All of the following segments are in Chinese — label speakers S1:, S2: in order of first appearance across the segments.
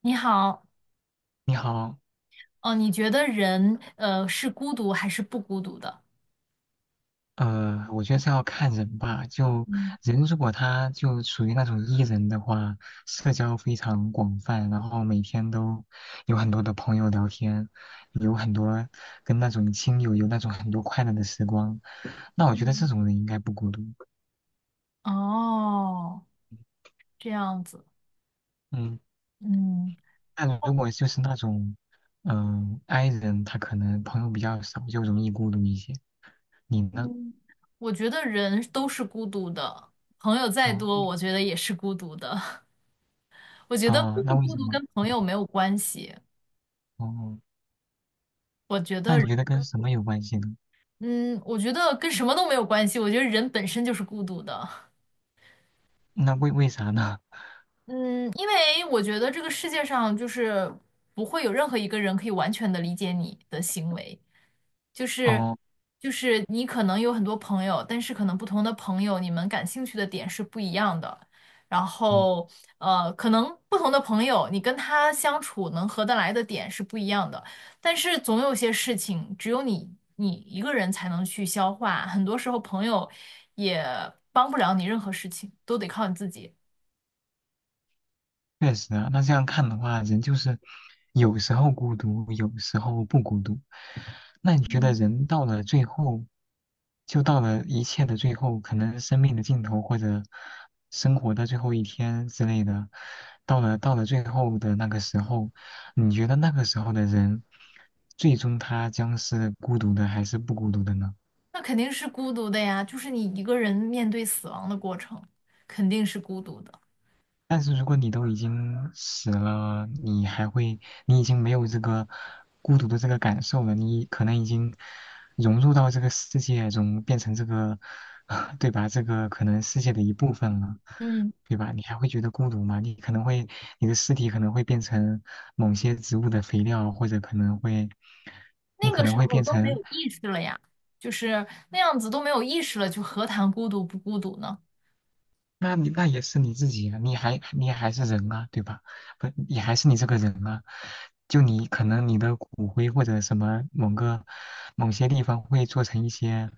S1: 你好。
S2: 你好，
S1: 哦，你觉得人是孤独还是不孤独的？
S2: 我觉得这要看人吧。就
S1: 嗯
S2: 人如果他就属于那种 E 人的话，社交非常广泛，然后每天都有很多的朋友聊天，有很多跟那种亲友有那种很多快乐的时光，那我觉得这
S1: 嗯。
S2: 种人应该不孤独。
S1: 哦，这样子。
S2: 嗯，
S1: 嗯。
S2: 但如果就是那种，i 人，他可能朋友比较少，就容易孤独一些。你呢？
S1: 嗯，我觉得人都是孤独的，朋友再多，
S2: 嗯。
S1: 我觉得也是孤独的。我觉得
S2: 啊，
S1: 孤
S2: 那
S1: 不
S2: 为
S1: 孤
S2: 什
S1: 独
S2: 么？
S1: 跟朋友没有关系。
S2: 哦，
S1: 我觉
S2: 那
S1: 得
S2: 你觉
S1: 人
S2: 得跟什么有关系呢？
S1: 嗯，我觉得跟什么都没有关系，我觉得人本身就是孤独的。
S2: 那为啥呢？
S1: 嗯，因为我觉得这个世界上就是不会有任何一个人可以完全的理解你的行为。就是
S2: 哦，
S1: 就是你可能有很多朋友，但是可能不同的朋友，你们感兴趣的点是不一样的。然
S2: 嗯，
S1: 后可能不同的朋友，你跟他相处能合得来的点是不一样的。但是总有些事情，只有你一个人才能去消化。很多时候，朋友也帮不了你任何事情，都得靠你自己。
S2: 确实啊。那这样看的话，人就是有时候孤独，有时候不孤独。那你觉得
S1: 嗯，
S2: 人到了最后，就到了一切的最后，可能生命的尽头或者生活的最后一天之类的，到了最后的那个时候，你觉得那个时候的人，最终他将是孤独的还是不孤独的呢？
S1: 那肯定是孤独的呀，就是你一个人面对死亡的过程，肯定是孤独的。
S2: 但是如果你都已经死了，你还会，你已经没有这个孤独的这个感受了，你可能已经融入到这个世界中，变成这个，对吧？这个可能世界的一部分了，
S1: 嗯。
S2: 对吧？你还会觉得孤独吗？你可能会，你的尸体可能会变成某些植物的肥料，或者可能会，你
S1: 那
S2: 可
S1: 个
S2: 能
S1: 时
S2: 会
S1: 候
S2: 变
S1: 都没
S2: 成。
S1: 有意识了呀，就是那样子都没有意识了，就何谈孤独不孤独呢？
S2: 那你那也是你自己啊，你还是人啊，对吧？不，也还是你这个人啊。就你可能你的骨灰或者什么某个某些地方会做成一些，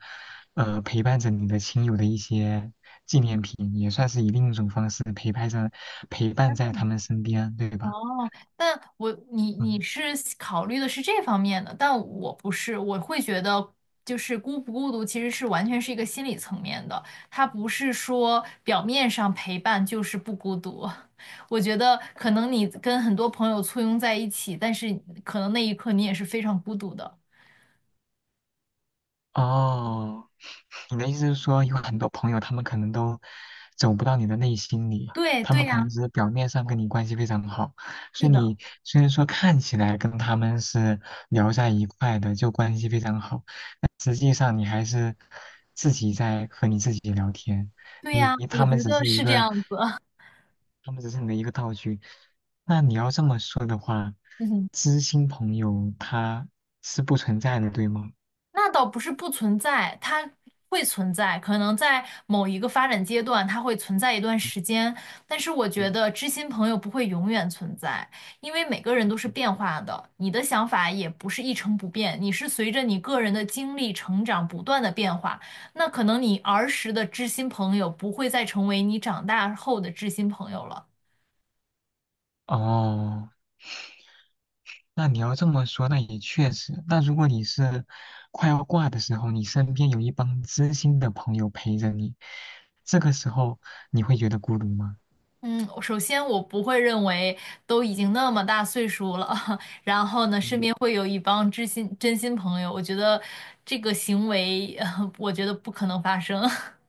S2: 陪伴着你的亲友的一些纪念品，也算是以另一种方式陪伴在他们身边，对吧？
S1: 哦，你
S2: 嗯，
S1: 是考虑的是这方面的，但我不是，我会觉得就是孤不孤独其实是完全是一个心理层面的，它不是说表面上陪伴就是不孤独。我觉得可能你跟很多朋友簇拥在一起，但是可能那一刻你也是非常孤独的。
S2: 哦。你的意思是说，有很多朋友他们可能都走不到你的内心里，
S1: 对
S2: 他们
S1: 对
S2: 可
S1: 呀。
S2: 能只是表面上跟你关系非常好，所
S1: 是
S2: 以
S1: 的。
S2: 你虽然说看起来跟他们是聊在一块的，就关系非常好，但实际上你还是自己在和你自己聊天，
S1: 对
S2: 你
S1: 呀，我
S2: 他们
S1: 觉
S2: 只
S1: 得
S2: 是一
S1: 是这
S2: 个，
S1: 样子。
S2: 他们只是你的一个道具。那你要这么说的话，
S1: 嗯，
S2: 知心朋友他是不存在的，对吗？
S1: 那倒不是不存在，它会存在，可能在某一个发展阶段，它会存在一段时间。但是我觉得知心朋友不会永远存在，因为每个人都是变化的，你的想法也不是一成不变，你是随着你个人的经历成长不断的变化。那可能你儿时的知心朋友不会再成为你长大后的知心朋友了。
S2: 哦，那你要这么说，那也确实。那如果你是快要挂的时候，你身边有一帮知心的朋友陪着你，这个时候你会觉得孤独吗？
S1: 嗯，首先我不会认为都已经那么大岁数了，然后呢，身边会有一帮知心真心朋友，我觉得这个行为，我觉得不可能发生。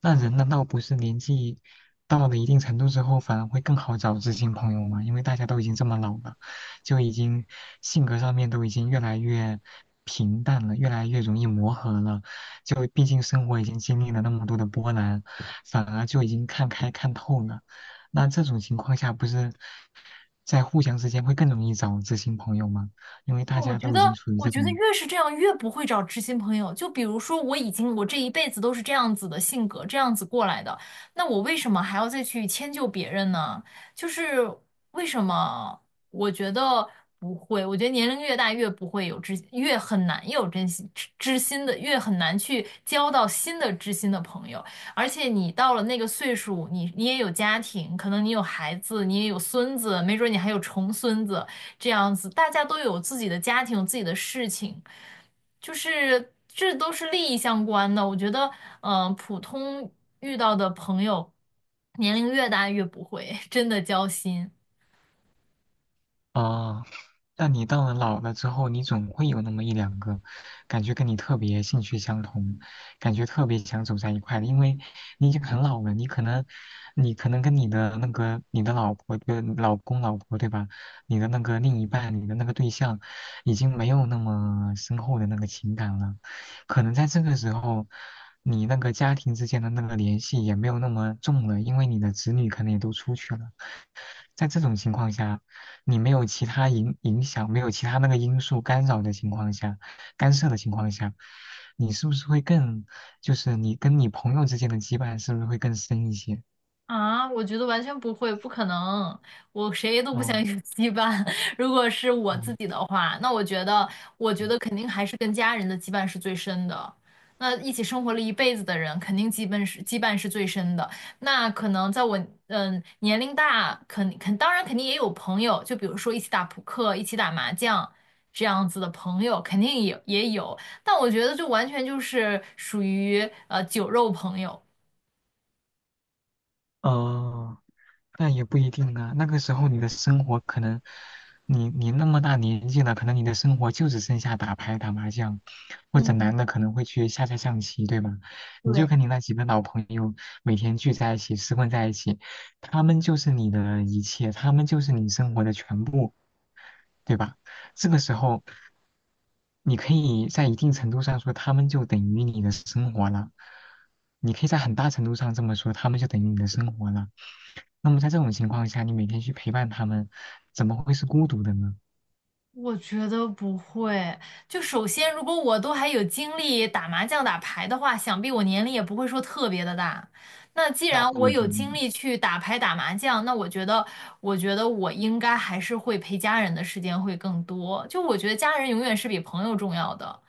S2: 那人难道不是年纪到了一定程度之后，反而会更好找知心朋友吗？因为大家都已经这么老了，就已经性格上面都已经越来越平淡了，越来越容易磨合了。就毕竟生活已经经历了那么多的波澜，反而就已经看开看透了。那这种情况下，不是在互相之间会更容易找知心朋友吗？因为大
S1: 我
S2: 家
S1: 觉
S2: 都已
S1: 得，
S2: 经处于
S1: 我
S2: 这
S1: 觉得
S2: 种。
S1: 越是这样，越不会找知心朋友。就比如说，我已经我这一辈子都是这样子的性格，这样子过来的，那我为什么还要再去迁就别人呢？就是为什么？我觉得不会，我觉得年龄越大越不会越很难有真心知心的，越很难去交到新的知心的朋友。而且你到了那个岁数，你也有家庭，可能你有孩子，你也有孙子，没准你还有重孙子，这样子，大家都有自己的家庭，有自己的事情，就是这都是利益相关的。我觉得，普通遇到的朋友，年龄越大越不会真的交心。
S2: 啊，但你到了老了之后，你总会有那么一两个，感觉跟你特别兴趣相同，感觉特别想走在一块的，因为你已经很老了，你可能，你可能跟你的那个你的老婆跟老公老婆对吧，你的那个另一半，你的那个对象，已经没有那么深厚的那个情感了，可能在这个时候，你那个家庭之间的那个联系也没有那么重了，因为你的子女可能也都出去了。在这种情况下，你没有其他影响，没有其他那个因素干扰的情况下，干涉的情况下，你是不是会更，就是你跟你朋友之间的羁绊是不是会更深一些？
S1: 啊，我觉得完全不会，不可能，我谁都不
S2: 哦，
S1: 想有羁绊。如果是我自
S2: 嗯，
S1: 己的话，那我觉得，我觉
S2: 嗯，
S1: 得肯定还是跟家人的羁绊是最深的。那一起生活了一辈子的人，肯定羁绊是最深的。那可能在我年龄大，当然肯定也有朋友，就比如说一起打扑克、一起打麻将这样子的朋友，肯定也有。但我觉得就完全就是属于酒肉朋友。
S2: 哦，那也不一定啊。那个时候你的生活可能，你那么大年纪了，可能你的生活就只剩下打牌、打麻将，或者
S1: 嗯，
S2: 男的可能会去下下象棋，对吧？你
S1: 对。
S2: 就跟你那几个老朋友每天聚在一起，厮混在一起，他们就是你的一切，他们就是你生活的全部，对吧？这个时候，你可以在一定程度上说，他们就等于你的生活了。你可以在很大程度上这么说，他们就等于你的生活了。那么在这种情况下，你每天去陪伴他们，怎么会是孤独的呢？
S1: 我觉得不会。就首先，如
S2: 嗯，
S1: 果我都还有精力打麻将、打牌的话，想必我年龄也不会说特别的大。那既
S2: 那
S1: 然
S2: 不
S1: 我
S2: 一
S1: 有精
S2: 定。
S1: 力去打牌、打麻将，那我觉得，我觉得我应该还是会陪家人的时间会更多。就我觉得家人永远是比朋友重要的。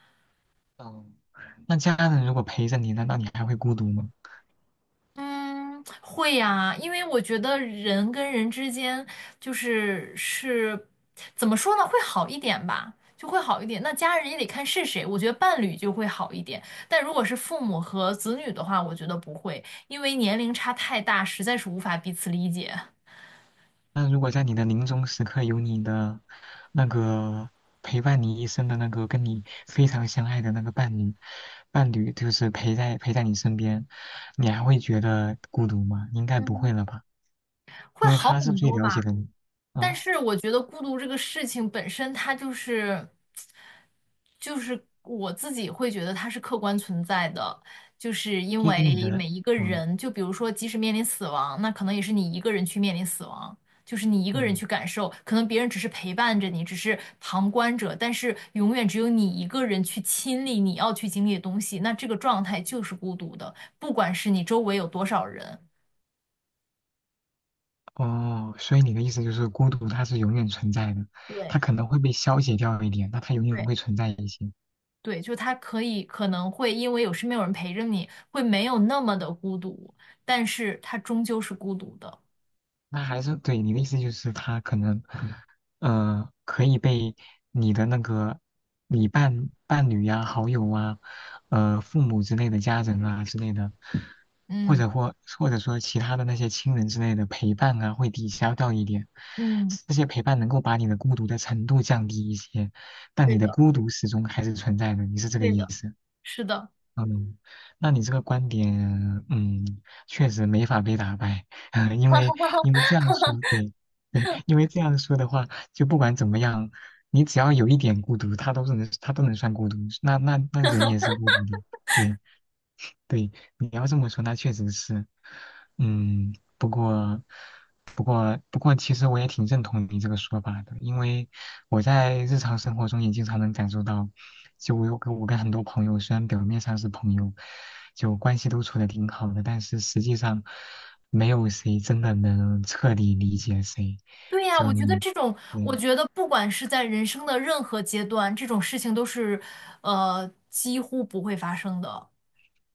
S2: 嗯，那家人如果陪着你，难道你还会孤独吗？
S1: 嗯，会呀，因为我觉得人跟人之间就是怎么说呢，会好一点吧，就会好一点。那家人也得看是谁，我觉得伴侣就会好一点。但如果是父母和子女的话，我觉得不会，因为年龄差太大，实在是无法彼此理解，
S2: 那如果在你的临终时刻有你的那个陪伴你一生的那个跟你非常相爱的那个伴侣，伴侣就是陪在你身边，你还会觉得孤独吗？应该不会了吧，
S1: 会
S2: 因为
S1: 好
S2: 他是
S1: 很
S2: 最
S1: 多
S2: 了解
S1: 吧。
S2: 的你
S1: 但
S2: 啊，
S1: 是我觉得孤独这个事情本身，它就是我自己会觉得它是客观存在的，就是因
S2: 因为你
S1: 为
S2: 的。
S1: 每一个
S2: 嗯，
S1: 人，就比如说，即使面临死亡，那可能也是你一个人去面临死亡，就是你一个人
S2: 嗯，
S1: 去感受，可能别人只是陪伴着你，只是旁观者，但是永远只有你一个人去亲历你要去经历的东西，那这个状态就是孤独的，不管是你周围有多少人。
S2: 哦，所以你的意思就是孤独它是永远存在的，
S1: 对。
S2: 它可能会被消解掉一点，但它永远
S1: 对
S2: 会存在一些。
S1: 对，就他可能会因为身边有人陪着你，会没有那么的孤独，但是他终究是孤独的。
S2: 那还是对你的意思就是他可能，可以被你的那个你伴侣呀、好友啊、父母之类的家人啊之类的，或
S1: 嗯。
S2: 者或或者说其他的那些亲人之类的陪伴啊，会抵消掉一点。
S1: 嗯，
S2: 这些陪伴能够把你的孤独的程度降低一些，但你
S1: 对
S2: 的
S1: 的，
S2: 孤独始终还是存在的。你是这个
S1: 对
S2: 意
S1: 的，
S2: 思？
S1: 是的。
S2: 嗯，那你这个观点，嗯，确实没法被打败，因为因为这样说，对对，因为这样说的话，就不管怎么样，你只要有一点孤独，他都是能，他都能算孤独，那人也是孤独的，对，对，你要这么说，那确实是，嗯，不过，其实我也挺认同你这个说法的，因为我在日常生活中也经常能感受到，就我跟很多朋友，虽然表面上是朋友，就关系都处的挺好的，但是实际上没有谁真的能彻底理解谁，
S1: 对呀，
S2: 就你，
S1: 我
S2: 嗯。
S1: 觉得不管是在人生的任何阶段，这种事情都是，几乎不会发生的，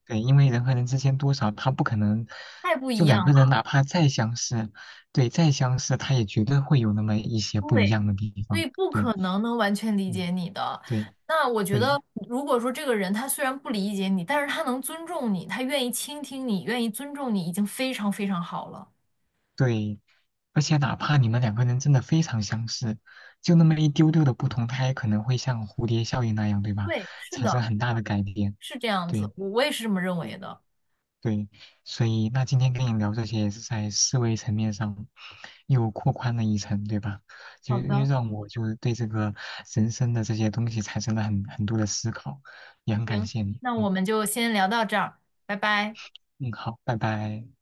S2: 对，因为人和人之间多少他不可能，
S1: 太不一
S2: 就两
S1: 样
S2: 个人
S1: 了。
S2: 哪怕再相似，对，再相似，他也绝对会有那么一些不一
S1: 对。
S2: 样的地
S1: 所以
S2: 方。
S1: 不可
S2: 对，
S1: 能能完全理
S2: 嗯，
S1: 解你的。
S2: 对，
S1: 那我觉
S2: 对，
S1: 得，如果说这个人他虽然不理解你，但是他能尊重你，他愿意倾听你，愿意尊重你，已经非常非常好了。
S2: 对，而且哪怕你们两个人真的非常相似，就那么一丢丢的不同，他也可能会像蝴蝶效应那样，对吧？
S1: 对，是
S2: 产生
S1: 的，
S2: 很大的改变。
S1: 是这样子，
S2: 对，
S1: 我也是这么认为
S2: 对
S1: 的。
S2: 对，所以那今天跟你聊这些也是在思维层面上又扩宽了一层，对吧？就
S1: 好
S2: 又
S1: 的，
S2: 让我就是对这个人生的这些东西产生了很多的思考，也很感
S1: 行，
S2: 谢你。
S1: 那
S2: 嗯
S1: 我们就先聊到这儿，拜拜。
S2: 嗯，好，拜拜。